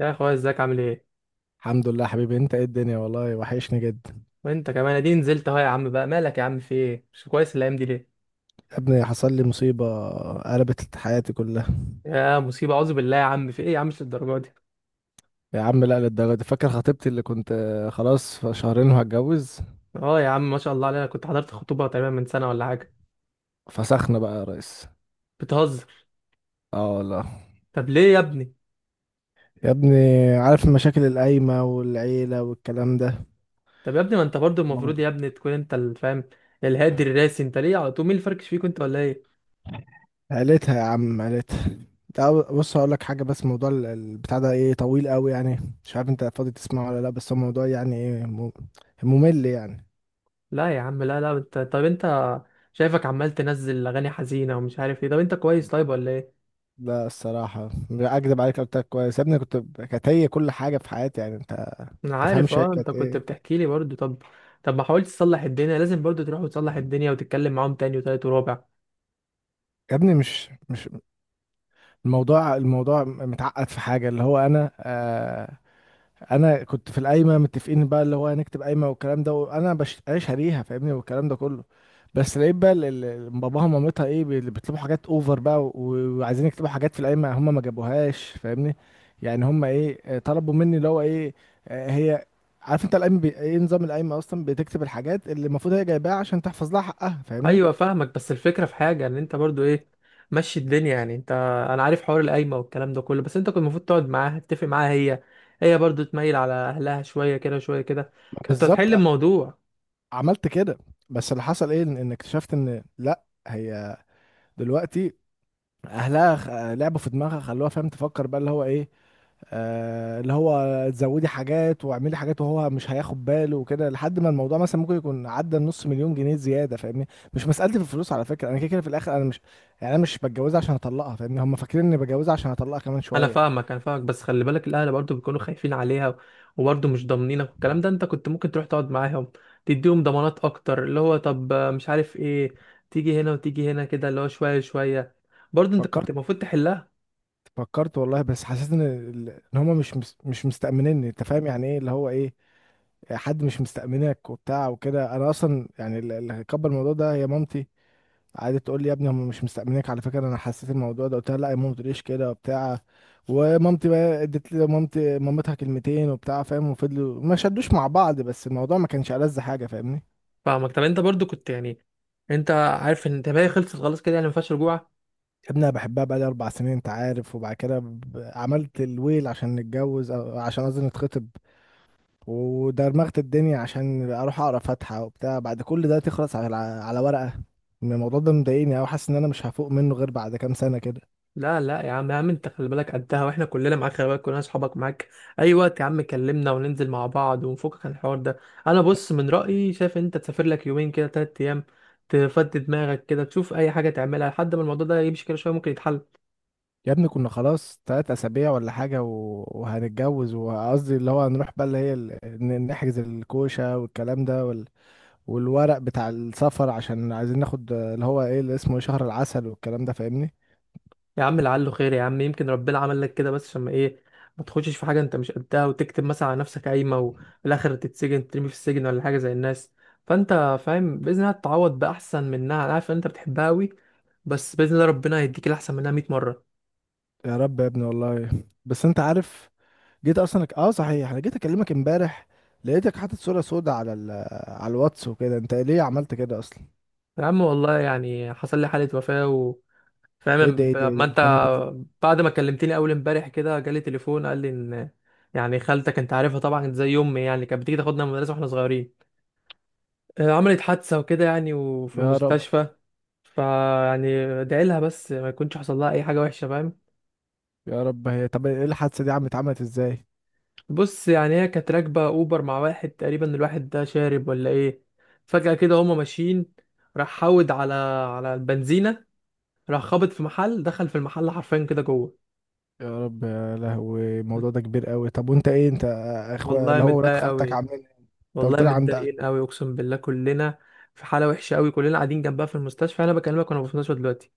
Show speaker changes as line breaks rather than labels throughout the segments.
يا اخويا، ازيك؟ عامل ايه؟
الحمد لله حبيبي. انت ايه الدنيا، والله وحشني جدا.
وانت كمان اديني نزلت اهو. يا عم بقى مالك؟ يا عم في ايه؟ مش كويس الايام دي ليه؟
يا ابني حصل لي مصيبة، قلبت حياتي كلها.
يا مصيبه، اعوذ بالله. يا عم في ايه؟ يا عم مش الدرجه دي.
يا عم لا للدرجة دي، فاكر خطيبتي اللي كنت خلاص في شهرين وهتجوز؟
اه يا عم، ما شاء الله علينا، كنت حضرت خطوبه تقريبا من سنه ولا حاجه.
فسخنا بقى يا ريس.
بتهزر؟
اه والله.
طب ليه يا ابني؟
يا ابني عارف المشاكل القايمة والعيلة والكلام ده.
طب يا ابني، ما انت برضو المفروض يا ابني تكون انت اللي فاهم. الهادي الراسي، انت ليه على طول مين الفركش فيك؟ انت ولا ايه؟
عيلتها يا عم، عيلتها. تعال بص هقول لك حاجة، بس موضوع البتاع ده ايه طويل قوي يعني، مش عارف انت فاضي تسمعه ولا لا، بس هو موضوع يعني ايه ممل يعني.
لا يا عم، لا، لا، انت، طب انت شايفك عمال تنزل اغاني حزينه ومش عارف ايه. طب انت كويس طيب ولا ايه؟
لا الصراحة، لا أكدب عليك، قلت لك كويس يا ابني، كنت كانت هي كل حاجة في حياتي، يعني أنت ما
انا عارف،
تفهمش هي
اه، انت
كانت
كنت
إيه.
بتحكي لي برضو. طب، طب ما حاولت تصلح الدنيا؟ لازم برضو تروح وتصلح الدنيا وتتكلم معاهم تاني وتالت ورابع.
يا ابني مش مش الموضوع متعقد في حاجة، اللي هو أنا انا كنت في القايمه متفقين بقى، اللي هو هنكتب قايمه والكلام ده، وانا انا شاريها فاهمني والكلام ده كله. بس لقيت بقى باباها ومامتها ايه بيطلبوا حاجات اوفر بقى وعايزين يكتبوا حاجات في القايمه هم ما جابوهاش فاهمني. يعني هم ايه طلبوا مني اللي هو ايه هي عارف انت القايمه ايه، نظام القايمه اصلا بتكتب الحاجات اللي المفروض هي جايباها عشان تحفظ لها حقها فاهمني.
ايوه فاهمك، بس الفكره في حاجه ان انت برضو ايه، مشي الدنيا يعني. انت، انا عارف حوار القايمه والكلام ده كله، بس انت كنت المفروض تقعد معاها، تتفق معاها هي برضو تميل على اهلها شويه كده شويه كده،
ما
كانت
بالظبط
هتحل الموضوع.
عملت كده. بس اللي حصل ايه، إن اكتشفت ان لا، هي دلوقتي اهلها لعبوا في دماغها، خلوها فاهم تفكر بقى اللي هو ايه، اللي هو تزودي حاجات واعملي حاجات، وهو مش هياخد باله وكده، لحد ما الموضوع مثلا ممكن يكون عدى النص مليون جنيه زياده فاهمني. مش مسألتي في الفلوس على فكره، انا كده كده في الاخر، انا مش يعني انا مش بتجوزها عشان اطلقها فاهمني، هم فاكرين اني بتجوزها عشان اطلقها كمان
انا
شويه.
فاهمك، انا فاهمك، بس خلي بالك، الاهل برضو بيكونوا خايفين عليها، وبرضو مش ضامنينك والكلام ده. انت كنت ممكن تروح تقعد معاهم، تديهم ضمانات اكتر، اللي هو طب، مش عارف ايه، تيجي هنا وتيجي هنا كده، اللي هو شويه شويه. برضو انت كنت
فكرت
المفروض تحلها.
فكرت والله، بس حسيت ان ان هما مش مش مستأمنيني، انت فاهم يعني ايه اللي هو ايه، حد مش مستأمنك وبتاع وكده. انا اصلا يعني اللي هيكبر الموضوع ده هي مامتي، قعدت تقول لي يا ابني هم مش مستأمنينك على فكرة، انا حسيت الموضوع ده، قلت لها لا يا ماما ما تقوليش كده وبتاع. ومامتي بقى ادت لي مامتي مامتها كلمتين وبتاع فاهم، وفضلوا ما شدوش مع بعض، بس الموضوع ما كانش ألذ حاجة فاهمني.
فاهمك. طب انت برضو كنت يعني، انت عارف ان انت باقي خلصت خلاص كده يعني، ما فيهاش رجوع.
يا ابني انا بحبها بقالي 4 سنين انت عارف، وبعد كده عملت الويل عشان نتجوز أو عشان قصدي نتخطب، ودرمغت الدنيا عشان اروح اقرا فاتحة وبتاع، بعد كل ده تخلص على ورقة. الموضوع ده مضايقني أوي، حاسس ان انا مش هفوق منه غير بعد كام سنة كده.
لا، لا، يا عم، يا عم، انت خلي بالك قدها، واحنا كلنا معاك. خلي بالك، كلنا اصحابك معاك، اي وقت يا عم كلمنا وننزل مع بعض ونفكك عن الحوار ده. انا بص، من رأيي شايف انت تسافر لك يومين كده، تلات ايام، تفضي دماغك كده، تشوف اي حاجة تعملها لحد ما الموضوع ده يمشي كده شوية، ممكن يتحل.
يا ابني كنا خلاص 3 أسابيع ولا حاجة وهنتجوز، وقصدي اللي هو هنروح بقى اللي هي نحجز الكوشة والكلام ده والورق بتاع السفر، عشان عايزين ناخد اللي هو ايه اللي اسمه شهر العسل والكلام ده فاهمني.
يا عم لعله خير، يا عم يمكن ربنا عمل لك كده بس عشان ما ايه، ما تخشش في حاجه انت مش قدها، وتكتب مثلا على نفسك قايمه وفي الاخر تتسجن، ترمي في السجن ولا حاجه زي الناس. فانت فاهم، باذن الله تتعوض باحسن منها. انا عارف ان انت بتحبها قوي، بس باذن الله ربنا هيديك الاحسن منها 100 مره.
يا رب يا ابني والله، بس انت عارف، جيت اصلا اه صحيح انا جيت اكلمك امبارح، لقيتك حاطط صورة سودة على الواتس وكده، انت ليه عملت كده اصلا؟
يا عم والله يعني حصل لي حاله وفاه فاهم
ايه ده ايه ده
لما
ايه ده،
انت
طب أنا إزاي-؟
بعد ما كلمتني اول امبارح كده، جالي تليفون قال لي ان يعني خالتك، انت عارفها طبعا زي امي يعني، كانت بتيجي تاخدنا من المدرسه واحنا صغيرين، عملت حادثة وكده يعني، وفي
يا رب.
المستشفى. فيعني ادعي لها بس، ما يكونش حصل لها اي حاجه وحشه، فاهم.
يا رب، هي طب ايه الحادثة دي عم اتعملت ازاي؟
بص يعني، هي كانت راكبه اوبر مع واحد، تقريبا الواحد ده شارب ولا ايه. فجاه كده هما ماشيين، راح حود على البنزينه، راح خابط في محل، دخل في المحل حرفيا كده جوه.
يا رب يا لهوي، الموضوع ده كبير قوي. طب وانت ايه، انت اخويا
والله
اللي هو ولاد
متضايق
خالتك
قوي،
عاملين ايه؟ انت
والله
قلت لي عند.
متضايقين قوي، اقسم بالله، كلنا في حاله وحشه قوي. كلنا قاعدين جنبها في المستشفى، انا بكلمك وانا في المستشفى دلوقتي.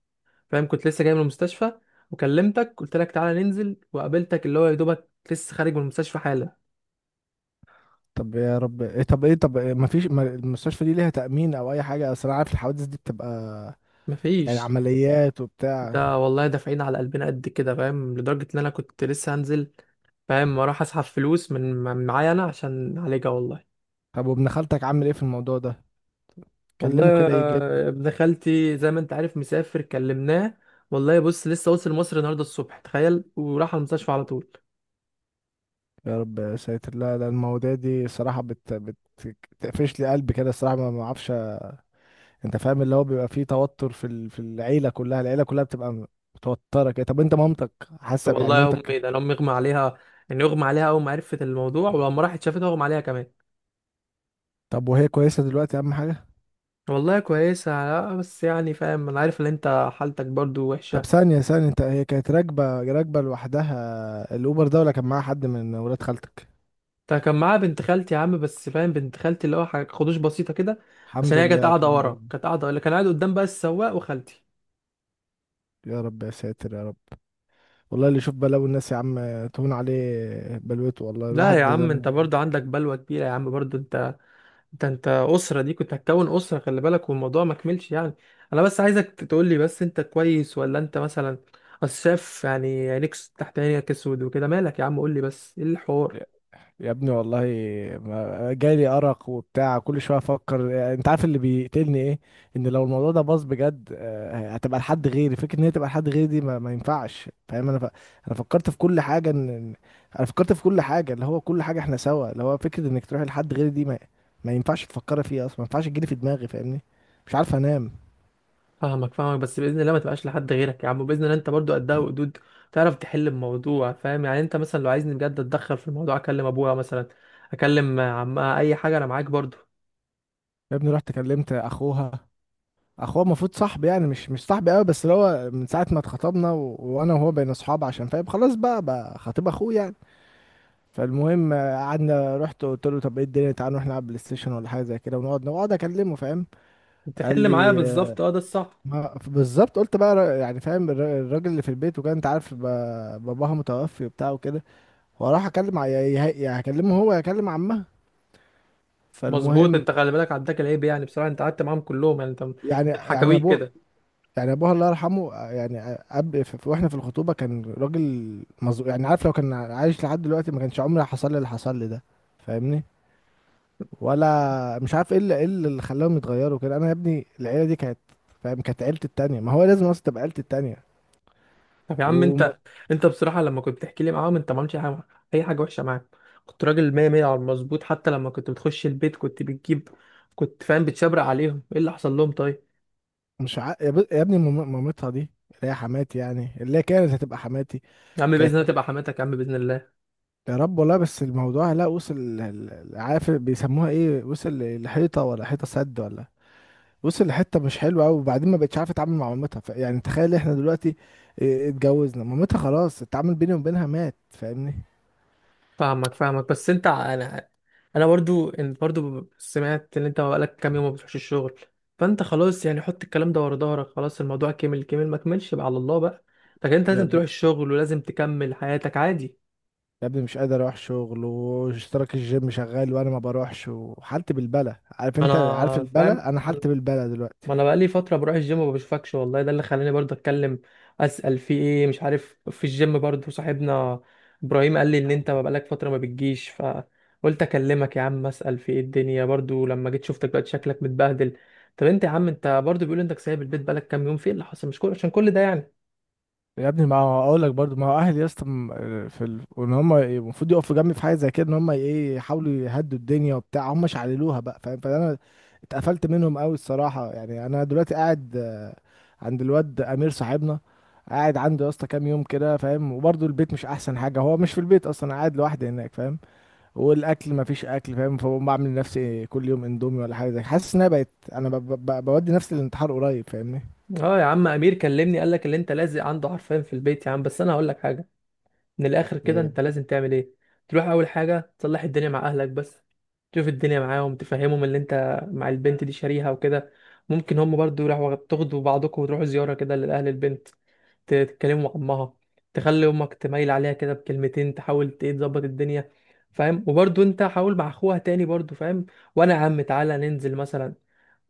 فاهم، كنت لسه جاي من المستشفى وكلمتك، قلت لك تعالى ننزل وقابلتك، اللي هو يا دوبك لسه خارج من المستشفى حالا.
طب يا رب ايه، طب ايه، طب إيه ما فيش ما المستشفى دي ليها تأمين او اي حاجة، اصل انا عارف الحوادث دي بتبقى يعني
مفيش.
عمليات وبتاع.
ده والله دافعين على قلبنا قد كده فاهم، لدرجة ان انا كنت لسه هنزل، فاهم، اروح اسحب فلوس من معايا انا عشان نعالجها، والله.
طب وابن خالتك عامل ايه في الموضوع ده، كلمه
والله.
كده يجي لك.
ابن خالتي زي ما انت عارف مسافر، كلمناه والله. بص، لسه وصل مصر النهارده الصبح تخيل، وراح على المستشفى على طول.
يا رب يا ساتر، لا لا المواضيع دي صراحة بت بت بتقفش لي قلبي كده الصراحة، ما اعرفش. انت فاهم اللي هو بيبقى فيه توتر في في العيلة كلها، العيلة كلها بتبقى متوترة كده. طب انت مامتك حاسة، يعني
والله يا
مامتك؟
امي، ده انا امي اغمى عليها، يعني اغمى عليها اول ما عرفت الموضوع، ولما راحت شافتها اغمى عليها كمان.
طب وهي كويسة دلوقتي، أهم حاجة.
والله كويسة، بس يعني فاهم، انا عارف ان انت حالتك برضو
طب
وحشة.
ثانية ثانية، أنت هي كانت راكبة لوحدها الأوبر ده ولا كان معاها حد من ولاد خالتك؟
ده كان معاه بنت خالتي يا عم، بس فاهم، بنت خالتي اللي هو حاجة خدوش بسيطة كده،
الحمد
عشان هي كانت
لله،
قاعدة
الحمد
ورا،
لله.
كانت قاعدة، اللي كان قاعد قدام بقى السواق وخالتي.
يا رب يا ساتر يا رب، والله اللي يشوف بلاوي الناس يا عم تهون عليه بلوته، والله
لا
الواحد
يا
ده.
عم، انت برضه عندك بلوة كبيرة يا عم، برضه انت، انت أسرة دي كنت هتكون أسرة، خلي بالك، والموضوع ما كملش يعني. انا بس عايزك تقول لي بس انت كويس، ولا انت مثلا، أصل شايف يعني عينيك، تحت عينيك اسود وكده، مالك يا عم؟ قول لي بس ايه الحوار.
يا ابني والله جالي أرق وبتاع، كل شوية أفكر، أنت عارف اللي بيقتلني إيه؟ إن لو الموضوع ده باظ بجد هتبقى لحد غيري، فكرة إن هي تبقى لحد غيري دي ما ينفعش فاهم، أنا فكرت في كل حاجة أنا فكرت في كل حاجة اللي هو كل حاجة إحنا سوا، اللي هو فكرة إنك تروحي لحد غيري دي ما ينفعش تفكري فيها أصلا، ما ينفعش تجيلي في دماغي فاهمني؟ مش عارف أنام.
فاهمك، فاهمك، بس باذن الله ما تبقاش لحد غيرك يا عم، باذن الله. انت برضو قدها وقدود، تعرف تحل الموضوع فاهم. يعني انت مثلا لو عايزني بجد اتدخل في الموضوع، اكلم ابويا مثلا، اكلم عمها، اي حاجه، انا معاك برضو
يا ابني رحت كلمت أخوها، اخوه المفروض صاحبي، يعني مش صاحبي قوي بس، اللي هو من ساعه ما اتخطبنا وانا وهو بين اصحاب، عشان فاهم خلاص بقى خطيب اخوه يعني. فالمهم قعدنا، رحت قلت له طب ايه الدنيا، تعالى نروح نلعب بلاي ستيشن ولا حاجه زي كده ونقعد اكلمه فاهم. قال
تحل معايا
لي
بالظبط. اه ده الصح،
ما بالظبط. قلت بقى يعني فاهم الراجل اللي في البيت، وكان انت عارف باباها متوفي وبتاع وكده، واروح اكلم ع- يا- يا- يا هكلمه هو، يا هكلم عمها.
مظبوط.
فالمهم
انت خلي بالك عداك العيب، يعني بصراحه انت قعدت معاهم كلهم يعني، انت من
يعني
حكاويك
ابوه،
كده،
يعني ابوها الله يرحمه يعني واحنا في الخطوبه كان راجل مظلوم، يعني عارف لو كان عايش لحد دلوقتي ما كانش عمري حصل لي اللي حصل لي ده فاهمني. ولا مش عارف ايه اللي خلاهم يتغيروا كده. انا يا ابني العيله دي كانت فاهم كانت عيلتي التانية، ما هو لازم اصلا تبقى عيلتي التانية.
طب يا عم
ومش
انت بصراحه، لما كنت بتحكي لي معاهم انت ما عملتش اي حاجه وحشه معاك. كنت راجل 100 100 على المظبوط، حتى لما كنت بتخش البيت كنت بتجيب، كنت فاهم، بتشبرق عليهم. ايه اللي حصل لهم؟ طيب.
يا ابني مامتها دي اللي هي حماتي، يعني اللي هي كانت هتبقى حماتي.
يا عم باذن
كانت.
الله تبقى حماتك، يا عم باذن الله.
يا رب والله، بس الموضوع لا وصل عارف بيسموها ايه، وصل لحيطه ولا حيطه سد، ولا وصل لحته مش حلوه قوي. وبعدين ما بقتش عارفه اتعامل مع مامتها يعني تخيل احنا دلوقتي اتجوزنا، مامتها خلاص التعامل بيني وبينها مات فاهمني.
فاهمك، فاهمك، بس انت، انا، انا برضو، انت برضو سمعت ان انت بقالك كام يوم ما بتروحش الشغل. فانت خلاص يعني، حط الكلام ده ورا ظهرك، خلاص الموضوع كمل كمل، ما كملش بقى على الله بقى. لكن انت
يا
لازم تروح
ابني
الشغل، ولازم تكمل حياتك عادي.
يا ابني مش قادر اروح شغل، واشتراك الجيم شغال وانا ما بروحش، وحالتي بالبلة عارف،
انا
انت عارف
فاهم.
البلة، انا حالتي بالبلة دلوقتي.
ما انا بقالي فتره بروح الجيم وما بشوفكش والله، ده اللي خلاني برضه اتكلم اسال في ايه، مش عارف. في الجيم برضه صاحبنا ابراهيم قال لي ان انت ما بقالك فتره ما بتجيش، فقلت اكلمك يا عم اسال في ايه الدنيا. برضه لما جيت شفتك دلوقتي شكلك متبهدل. طب انت يا عم، انت برضه بيقول انك سايب البيت بقالك كام يوم، في ايه اللي حصل؟ مش كل، عشان كل ده يعني.
يا ابني ما هو اقول لك برضو، ما هو اهلي يا اسطى وان هم المفروض يقفوا جنبي في حاجه زي كده، ان هم ايه يحاولوا يهدوا الدنيا وبتاع، هم شعللوها بقى فاهم. فانا اتقفلت منهم قوي الصراحه، يعني انا دلوقتي قاعد عند الواد امير صاحبنا، قاعد عنده يا اسطى كام يوم كده فاهم، وبرضو البيت مش احسن حاجه، هو مش في البيت اصلا، أنا قاعد لوحدي هناك فاهم، والاكل ما فيش اكل فاهم، فبقوم بعمل لنفسي كل يوم اندومي ولا حاجه زي كده. حاسس ان انا بقيت انا ب... ب... ب- بودي نفسي للانتحار قريب فاهمني.
اه يا عم، امير كلمني قال لك اللي انت لازق عنده حرفيا في البيت يا عم. بس انا هقول لك حاجه من الاخر كده، انت لازم تعمل ايه، تروح اول حاجه تصلح الدنيا مع اهلك بس، تشوف الدنيا معاهم، تفهمهم اللي انت مع البنت دي شاريها وكده. ممكن هم برضو يروحوا تاخدوا بعضكم، وتروحوا زياره كده لاهل البنت، تتكلموا مع امها، تخلي امك تميل عليها كده بكلمتين، تحاول ت- ايه تظبط الدنيا، فاهم. وبرضو انت حاول مع اخوها تاني برضو، فاهم. وانا يا عم تعالى ننزل مثلا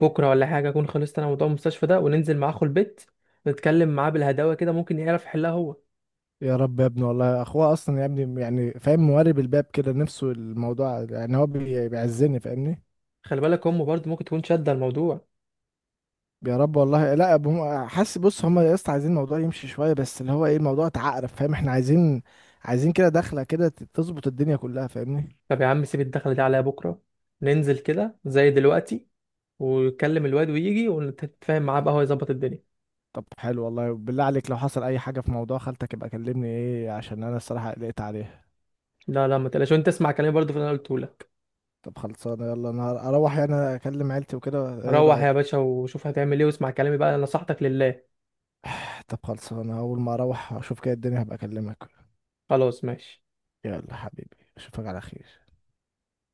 بكره ولا حاجه، اكون خلصت انا موضوع المستشفى ده، وننزل مع اخو البيت، نتكلم معاه بالهداوه كده، ممكن يعرف يحلها هو.
يا رب يا ابني والله، اخوه اصلا يا ابني يعني فاهم موارب الباب كده، نفسه الموضوع يعني، هو بيعزني فاهمني.
خلي بالك امه برضه ممكن تكون شادة الموضوع.
يا رب والله لا هم حاسس بص، هم يا اسطى عايزين الموضوع يمشي شويه، بس اللي هو ايه الموضوع اتعقرف فاهم. احنا عايزين، عايزين كده دخله كده تظبط الدنيا كلها فاهمني.
طب يا عم سيب الدخلة دي عليا، بكرة ننزل كده زي دلوقتي ويكلم الواد ويجي، ونتفاهم معاه بقى هو يظبط الدنيا.
طب حلو والله، بالله عليك لو حصل اي حاجه في موضوع خالتك يبقى كلمني ايه، عشان انا الصراحه قلقت عليها.
لا لا، ما تقلقش، وانت اسمع كلامي برضه في اللي انا قلته لك.
طب خلصانه، يلا انا اروح يعني اكلم عيلتي وكده، ايه
روح يا
رايك؟
باشا وشوف هتعمل ايه، واسمع كلامي بقى، نصيحتك لله.
طب خلصانه، اول ما اروح اشوف كده الدنيا هبقى اكلمك.
خلاص ماشي.
يلا حبيبي، اشوفك على خير.